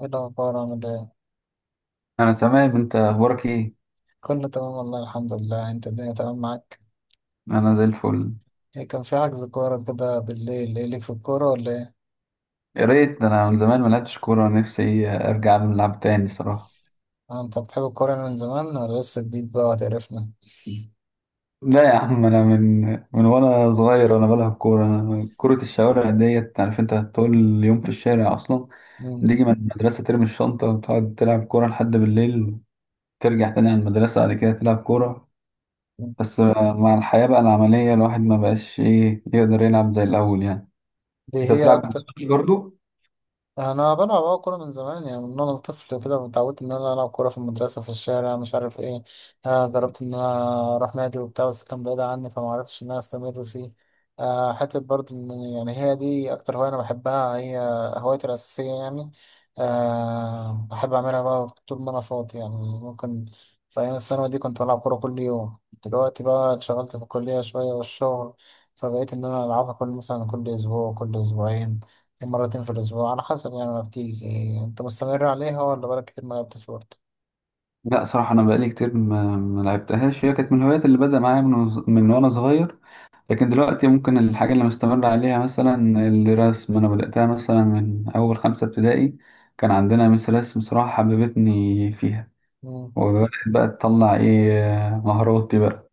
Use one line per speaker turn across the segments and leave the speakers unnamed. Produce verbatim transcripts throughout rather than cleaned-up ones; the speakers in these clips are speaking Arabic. ايه الأخبار، عامل ايه؟
انا تمام. انت اخبارك ايه؟
كله تمام والله، الحمد لله. انت الدنيا تمام معاك؟
انا زي الفل.
ايه كان في حجز كورة كده بالليل، ايه ليك في الكورة ولا ايه؟
يا ريت، ده انا من زمان ما لعبتش كوره. نفسي ارجع نلعب تاني صراحه.
اه، انت بتحب الكورة من زمان ولا لسه جديد بقى وهتقرفنا؟
لا يا عم، انا من من وانا صغير وانا بلعب كوره. أنا كره الشوارع ديت، عارف انت، طول اليوم في الشارع اصلا.
مم.
تيجي من المدرسه ترمي الشنطه وتقعد تلعب كوره لحد بالليل، ترجع تاني على المدرسه، بعد كده تلعب كوره. بس مع الحياه بقى العمليه، الواحد ما بقاش ايه يقدر يلعب زي الاول يعني.
دي
انت
هي
بتلعب
أكتر.
برضه؟
انا بلعب اه كوره من زمان، يعني من وانا طفل كده اتعودت ان انا العب كوره في المدرسه، في الشارع، مش عارف ايه. آه، جربت ان انا اروح نادي وبتاع، بس كان بعيد عني فما عرفتش ان انا استمر فيه. آه، حتى برضه ان يعني هي دي اكتر هوايه انا بحبها، هي هوايتي الاساسيه يعني. آه، بحب اعملها بقى طول ما انا فاضي يعني. ممكن في ايام الثانوي دي كنت بلعب كوره كل يوم. دلوقتي بقى اتشغلت في الكليه شويه والشغل، فبقيت ان انا العبها كل، مثلا كل اسبوع، كل اسبوعين، مرتين في الأسبوع، على حسب يعني ما بتيجي. أنت مستمر عليها ولا بقالك كتير ما لعبتش برضه؟
لا صراحة أنا بقالي كتير ما ما لعبتهاش. هي كانت من الهوايات اللي بدأ معايا من وز- من وأنا صغير. لكن دلوقتي ممكن الحاجة اللي مستمر عليها مثلا الرسم. أنا بدأتها مثلا من أول خمسة ابتدائي. كان عندنا مس رسم صراحة حببتني فيها،
مم.
وبدأت بقى تطلع إيه، مهاراتي بقى.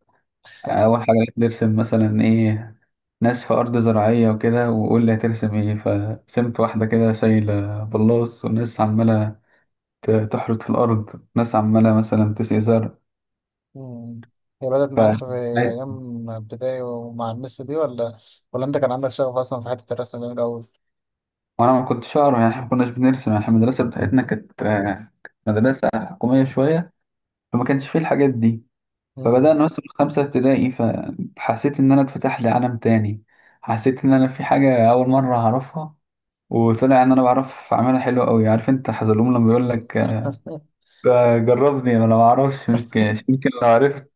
أول حاجة بقيت نرسم مثلا إيه؟ ناس في أرض زراعية وكده، وقول لي هترسم إيه، فرسمت واحدة كده شايلة بلاص وناس عمالة ت- تحرث في الأرض، ناس عمالة مثلا تسقي زرع.
مم. هي بدأت
ف
معاك في أيام ابتدائي ومع المس دي، ولا ولا أنت كان عندك شغف أصلا في حتة الرسم ده من الأول؟
وانا ما كنتش اقرا يعني، احنا ما كناش بنرسم يعني. احنا المدرسه بتاعتنا كانت آه، مدرسه حكوميه شويه، فما كانش فيه الحاجات دي. فبدانا
مم.
نوصل خمسه ابتدائي، فحسيت ان انا اتفتح لي عالم تاني. حسيت ان انا في حاجه اول مره هعرفها، وطلع ان انا بعرف اعملها حلوه قوي. عارف انت حزلوم لما بيقول لك: آه، جربني، انا ما اعرفش، يمكن يمكن لو عرفت،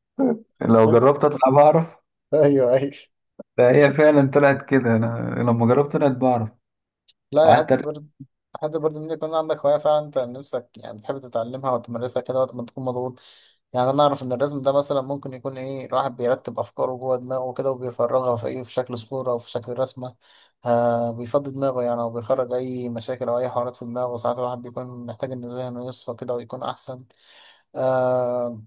لو جربت اطلع بعرف.
أيوه أيوه.
فهي فعلا طلعت كده، انا لما جربت طلعت بعرف
لا يا
وقعدت.
حتة برد، حتى برضه ان يكون عندك هواية فعلا انت نفسك، يعني بتحب تتعلمها وتمارسها كده وقت ما تكون مضغوط. يعني انا اعرف ان الرسم ده مثلا ممكن يكون ايه، الواحد بيرتب افكاره جوه دماغه كده وبيفرغها في ايه، في شكل صورة او في شكل رسمة. آه، بيفضي دماغه يعني، او بيخرج اي مشاكل او اي حوارات في دماغه. ساعات الواحد بيكون محتاج ان ذهنه يصفى كده ويكون احسن. آه،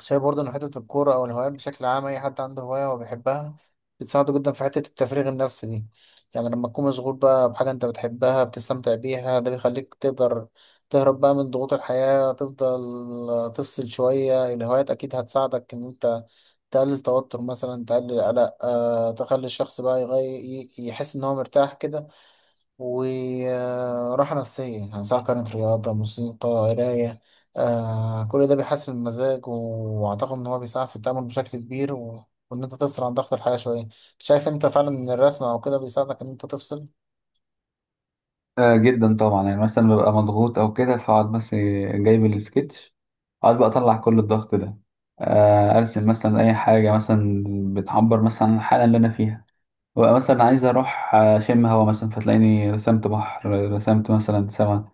شايف برضه إن حتة الكورة أو الهوايات بشكل عام، أي حد عنده هواية هو بيحبها بتساعده جدا في حتة التفريغ النفسي دي. يعني لما تكون مشغول بقى بحاجة أنت بتحبها بتستمتع بيها، ده بيخليك تقدر تهرب بقى من ضغوط الحياة، تفضل تفصل شوية. الهوايات أكيد هتساعدك إن أنت تقلل توتر مثلا، تقلل قلق، أه تخلي الشخص بقى يغير، يحس إن هو مرتاح كده وراحة نفسية، يعني سواء كانت رياضة، موسيقى، قراية. آه، كل ده بيحسن المزاج، وأعتقد إن هو بيساعد في التأمل بشكل كبير، و... وإن أنت تفصل عن ضغط الحياة شوية. شايف أنت فعلا إن الرسم أو كده بيساعدك إن أنت تفصل؟
آه جدا طبعا، يعني مثلا ببقى مضغوط او كده فاقعد بس جايب السكتش، اقعد بقى اطلع كل الضغط ده. آه ارسم مثلا اي حاجه مثلا بتعبر مثلا عن الحاله اللي انا فيها. ببقى مثلا عايز اروح اشم هوا مثلا، فتلاقيني رسمت بحر، رسمت مثلا سما.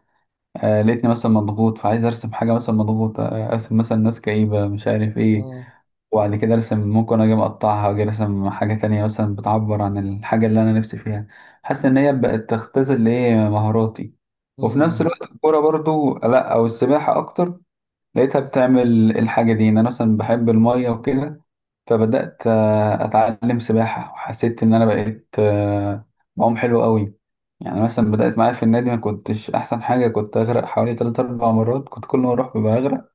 آه لقيتني مثلا مضغوط فعايز ارسم حاجه مثلا مضغوط، آه ارسم مثلا ناس كئيبه مش عارف ايه.
مم.
وبعد كده ارسم، ممكن اجي مقطعها، اجي ارسم حاجة تانية مثلا بتعبر عن الحاجة اللي انا نفسي فيها. حاسس ان هي بقت تختزل لي مهاراتي. وفي نفس
مم.
الوقت الكورة برضو، لا او السباحة اكتر، لقيتها بتعمل الحاجة دي. ان انا مثلا بحب المية وكده، فبدأت آه، اتعلم سباحة، وحسيت ان انا بقيت آه، بعوم حلو قوي. يعني مثلا بدأت معايا في النادي ما كنتش احسن حاجة، كنت اغرق حوالي ثلاثة أربعة مرات، كنت كل ما اروح ببقى اغرق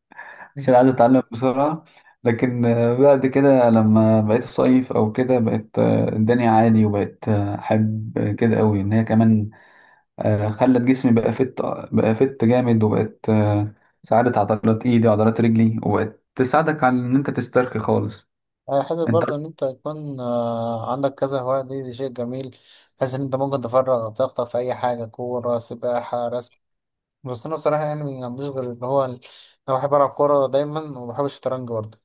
مم.
عشان عايز اتعلم بسرعة. لكن آه، بعد كده لما بقيت صيف او كده بقت آه، الدنيا عادي، وبقت آه، احب كده قوي ان هي كمان آه، خلت جسمي بقى فت بقى فت جامد، وبقت آه، ساعدت عضلات ايدي وعضلات رجلي، وبقت تساعدك على ان انت تسترخي خالص
آه، حتى
انت.
برضه إن أنت يكون آه عندك كذا هواية، دي, دي شيء جميل، بحيث إن أنت ممكن تفرغ طاقتك في أي حاجة، كورة، سباحة، رسم. بس أنا بصراحة يعني ما عنديش غير اللي هو ال-، أنا بحب ألعب كورة دايما وبحب الشطرنج برضه.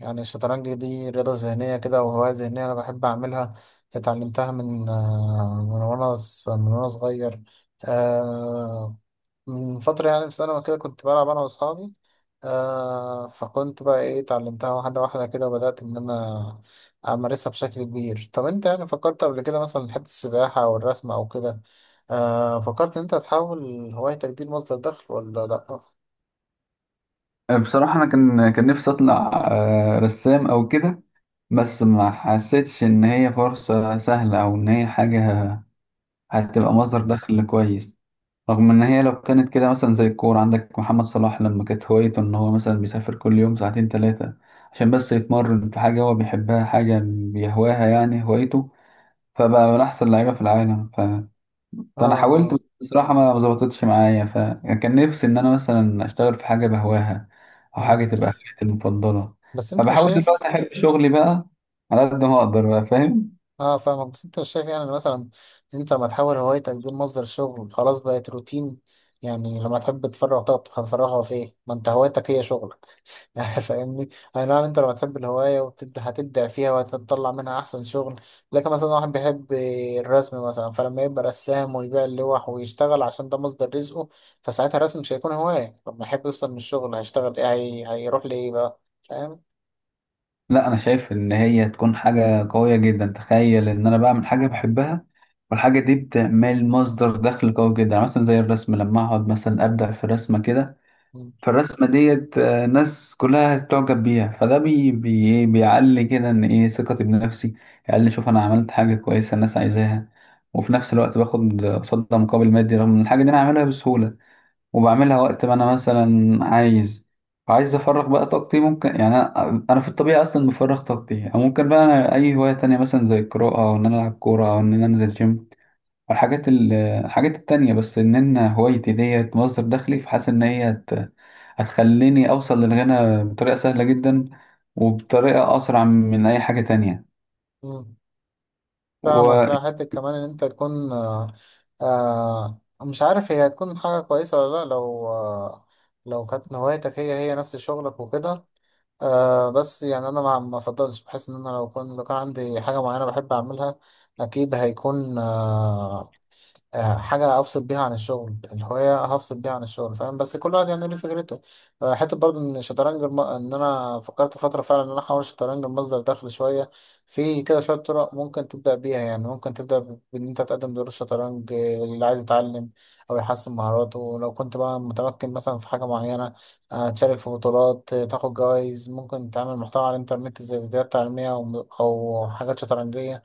يعني الشطرنج دي رياضة ذهنية كده وهواية ذهنية أنا بحب أعملها. اتعلمتها من آه، من وأنا ص- من وأنا صغير. آه، من فترة يعني في ثانوي كده كنت بلعب أنا وأصحابي. آه، فكنت بقى إيه اتعلمتها واحدة واحدة كده، وبدأت إن أنا أمارسها بشكل كبير. طب أنت يعني فكرت قبل كده مثلا في حتة السباحة أو الرسم أو كده؟ آه، فكرت إن أنت تحول هوايتك دي لمصدر دخل ولا لأ؟ آه
آه، بصراحة انا كان كان نفسي اطلع آه، رسام او كده. بس ما حسيتش ان هي فرصة سهلة، او ان هي حاجة هتبقى مصدر دخل كويس. رغم ان هي لو كانت كده، مثلا زي الكورة عندك محمد صلاح، لما كانت هوايته ان هو مثلا بيسافر كل يوم ساعتين ثلاثة عشان بس يتمرن في حاجة هو بيحبها، حاجة بيهواها يعني هوايته، فبقى من احسن لعيبة في العالم ف... فانا حاولت،
آه.
بس بصراحة ما ما ظبطتش معايا. فكان نفسي ان انا مثلا اشتغل في حاجة بهواها، او
مم.
حاجة تبقى هوايتي المفضلة،
بس انت مش
فبحاول
شايف.
دلوقتي احب شغلي بقى على قد ما اقدر بقى، فاهم؟
اه فاهمك، بس انت مش شايف يعني إن مثلا انت لما تحول هوايتك دي لمصدر شغل، خلاص بقت روتين. يعني لما تحب تفرغ طاقتك، هتفرغها في ايه؟ ما انت هوايتك هي شغلك يعني فاهمني؟ اي نعم، انت لما تحب الهواية وتبدأ هتبدع فيها وهتطلع منها احسن شغل. لكن مثلا واحد بيحب الرسم مثلا، فلما يبقى رسام ويبيع اللوح ويشتغل عشان ده مصدر رزقه، فساعتها الرسم مش هيكون هواية. لما يحب يفصل من الشغل هيشتغل ايه، هي... هيروح لإيه بقى؟ فاهم؟
لا انا شايف ان هي تكون حاجه قويه جدا. تخيل ان انا بعمل حاجه بحبها والحاجه دي بتعمل مصدر دخل قوي جدا، يعني مثلا زي الرسم لما اقعد مثلا ابدع في رسمه كده، فالرسمه ديت آه، ناس كلها تعجب بيها، فده بي بي إيه، بيعلي كده ان ايه ثقتي بنفسي. يعلي، شوف انا عملت حاجه كويسه الناس عايزاها، وفي نفس الوقت باخد قصادها مقابل مادي رغم ان الحاجه دي انا عاملها بسهوله، وبعملها وقت ما انا مثلا عايز عايز افرغ بقى طاقتي. ممكن يعني انا أنا في الطبيعه اصلا بفرغ طاقتي، او ممكن بقى أنا اي هوايه تانية مثلا زي القراءه، او ان انا العب كوره، او ان انا انزل جيم، والحاجات ال- الحاجات التانية. بس ان انا هوايتي ديت مصدر دخلي، فحاسس ان هي هت- هتخليني اوصل للغنى بطريقه سهله جدا، وبطريقه اسرع من اي حاجه تانية.
مم. فاهمك.
وفي
لا حتى كمان ان انت تكون آه، آه مش عارف هي هتكون حاجة كويسة ولا لا لو آه، لو كانت هوايتك هي هي نفس شغلك وكده. آه بس يعني انا ما ما افضلش، بحس ان انا لو كنت، لو كان عندي حاجة معينة بحب اعملها اكيد هيكون آه آه، حاجة أفصل بيها عن الشغل، الهواية هفصل بيها عن الشغل، فاهم؟ بس كل واحد يعني ليه فكرته. آه، حتى برضه إن الشطرنج الم... إن أنا فكرت فترة فعلا إن أنا أحول الشطرنج لمصدر دخل شوية. في كده شوية طرق ممكن تبدأ بيها، يعني ممكن تبدأ ب- بإن أنت تقدم دروس شطرنج آه، اللي عايز يتعلم أو يحسن مهاراته لو كنت بقى متمكن مثلا في حاجة معينة. آه، تشارك في بطولات، آه، تاخد جوائز. ممكن تعمل محتوى على الإنترنت زي فيديوهات تعليمية أو أو حاجات شطرنجية.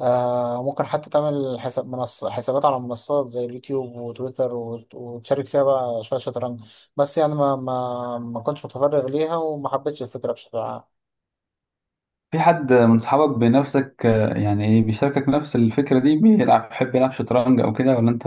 آه، ممكن حتى تعمل حساب منصة، حسابات على منصات زي اليوتيوب وتويتر وت- وتشارك فيها بقى شوية شطرنج. بس يعني ما ما ما كنتش متفرغ ليها وما حبيتش الفكرة بشكل عام.
حد من صحابك بنفسك آه، يعني إيه، بيشاركك نفس الفكره دي، بيلعب بيحب يلعب شطرنج او كده، ولا انت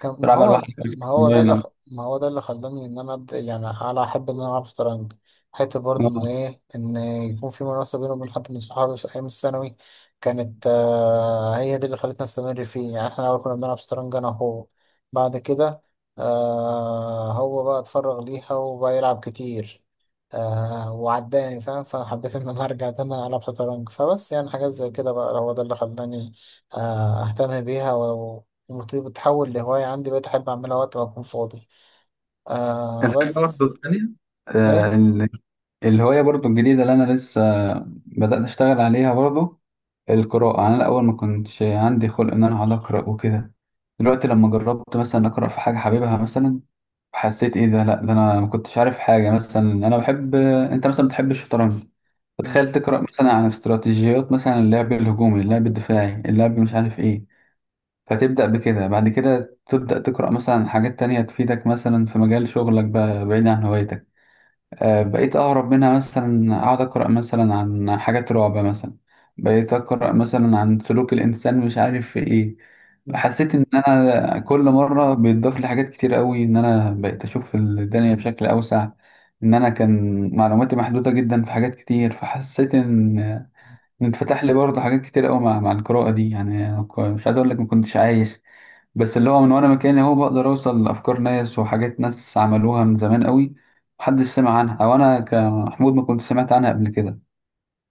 كان ما
تلعبها
هو،
لوحدك
ما هو ده اللي
اونلاين أو-
خ...، ما هو ده اللي خلاني ان انا ابدا، يعني على احب ان انا العب شطرنج حته برضه ان
آه.
ايه، ان يكون في منافسه بيني وبين حد من صحابي في ايام الثانوي. كانت آه هي دي اللي خلتنا نستمر فيه. يعني احنا الاول كنا بنلعب شطرنج انا وهو، بعد كده آه هو بقى اتفرغ ليها وبقى يلعب كتير، آه وعداني، فاهم، فانا حبيت ان انا ارجع تاني العب شطرنج. فبس يعني حاجات زي كده بقى هو ده اللي خلاني آه اهتم بيها. المفروض بتتحول لهواية عندي، بقيت أحب أعملها وقت ما أكون فاضي. آه
الحاجة
بس.
برضه التانية،
إيه؟
آه، ال- الهواية برضه الجديدة اللي أنا لسه بدأت أشتغل عليها برضه، القراءة. يعني أنا الأول ما كنتش عندي خلق إن أنا أقعد أقرأ وكده. دلوقتي لما جربت مثلا أقرأ في حاجة حاببها مثلا، حسيت إيه ده، لأ ده أنا ما كنتش عارف حاجة مثلا. أنا بحب أنت مثلا بتحب الشطرنج،
مم.
فتخيل تقرأ مثلا عن استراتيجيات مثلا اللعب الهجومي، اللعب الدفاعي، اللعب مش عارف إيه. فتبدأ بكده، بعد كده تبدأ تقرأ مثلا حاجات تانية تفيدك مثلا في مجال شغلك، بقى بعيد عن هوايتك. آه، بقيت أهرب منها مثلا، أقعد أقرأ مثلا عن حاجات رعب مثلا، بقيت أقرأ مثلا عن سلوك الإنسان مش عارف في إيه.
مم.
حسيت إن أنا كل مرة بيتضاف لي حاجات كتير قوي، إن أنا بقيت أشوف الدنيا بشكل أوسع. إن أنا كان معلوماتي محدودة جدا في حاجات كتير، فحسيت إن إن اتفتح لي برضه حاجات كتير قوي مع مع القراءة دي. يعني أنا ك- مش عايز أقول لك ما كنتش عايش، بس اللي هو من وانا مكاني هو بقدر اوصل لافكار ناس وحاجات ناس عملوها من زمان قوي محدش سمع عنها، او انا كمحمود ما كنت سمعت عنها قبل كده.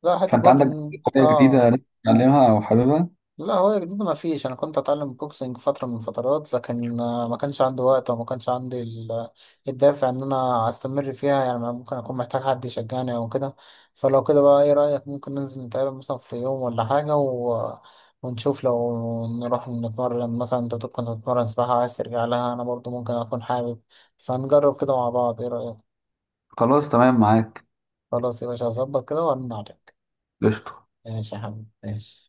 لا حتى
فانت
برضه
عندك
إن-،
حاجه جديده
آه
لسه بتتعلمها او حاببها؟
لا هو جديد، ما فيش. انا كنت اتعلم بوكسنج فتره من الفترات، لكن آه، ما كانش عندي وقت وما كانش عندي ال- الدافع ان انا استمر فيها. يعني ممكن اكون محتاج حد يشجعني او كده، فلو كده بقى ايه رايك، ممكن ننزل نتقابل مثلا في يوم ولا حاجه، و... ونشوف لو نروح نتمرن. مثلا انت كنت بتتمرن سباحه وعايز ترجع لها، انا برضو ممكن اكون حابب، فنجرب كده مع بعض. ايه رايك؟
خلاص، تمام معاك.
خلاص يا باشا، هظبط كده وارن عليك.
قشطه.
ماشي يا حبيبي، ماشي.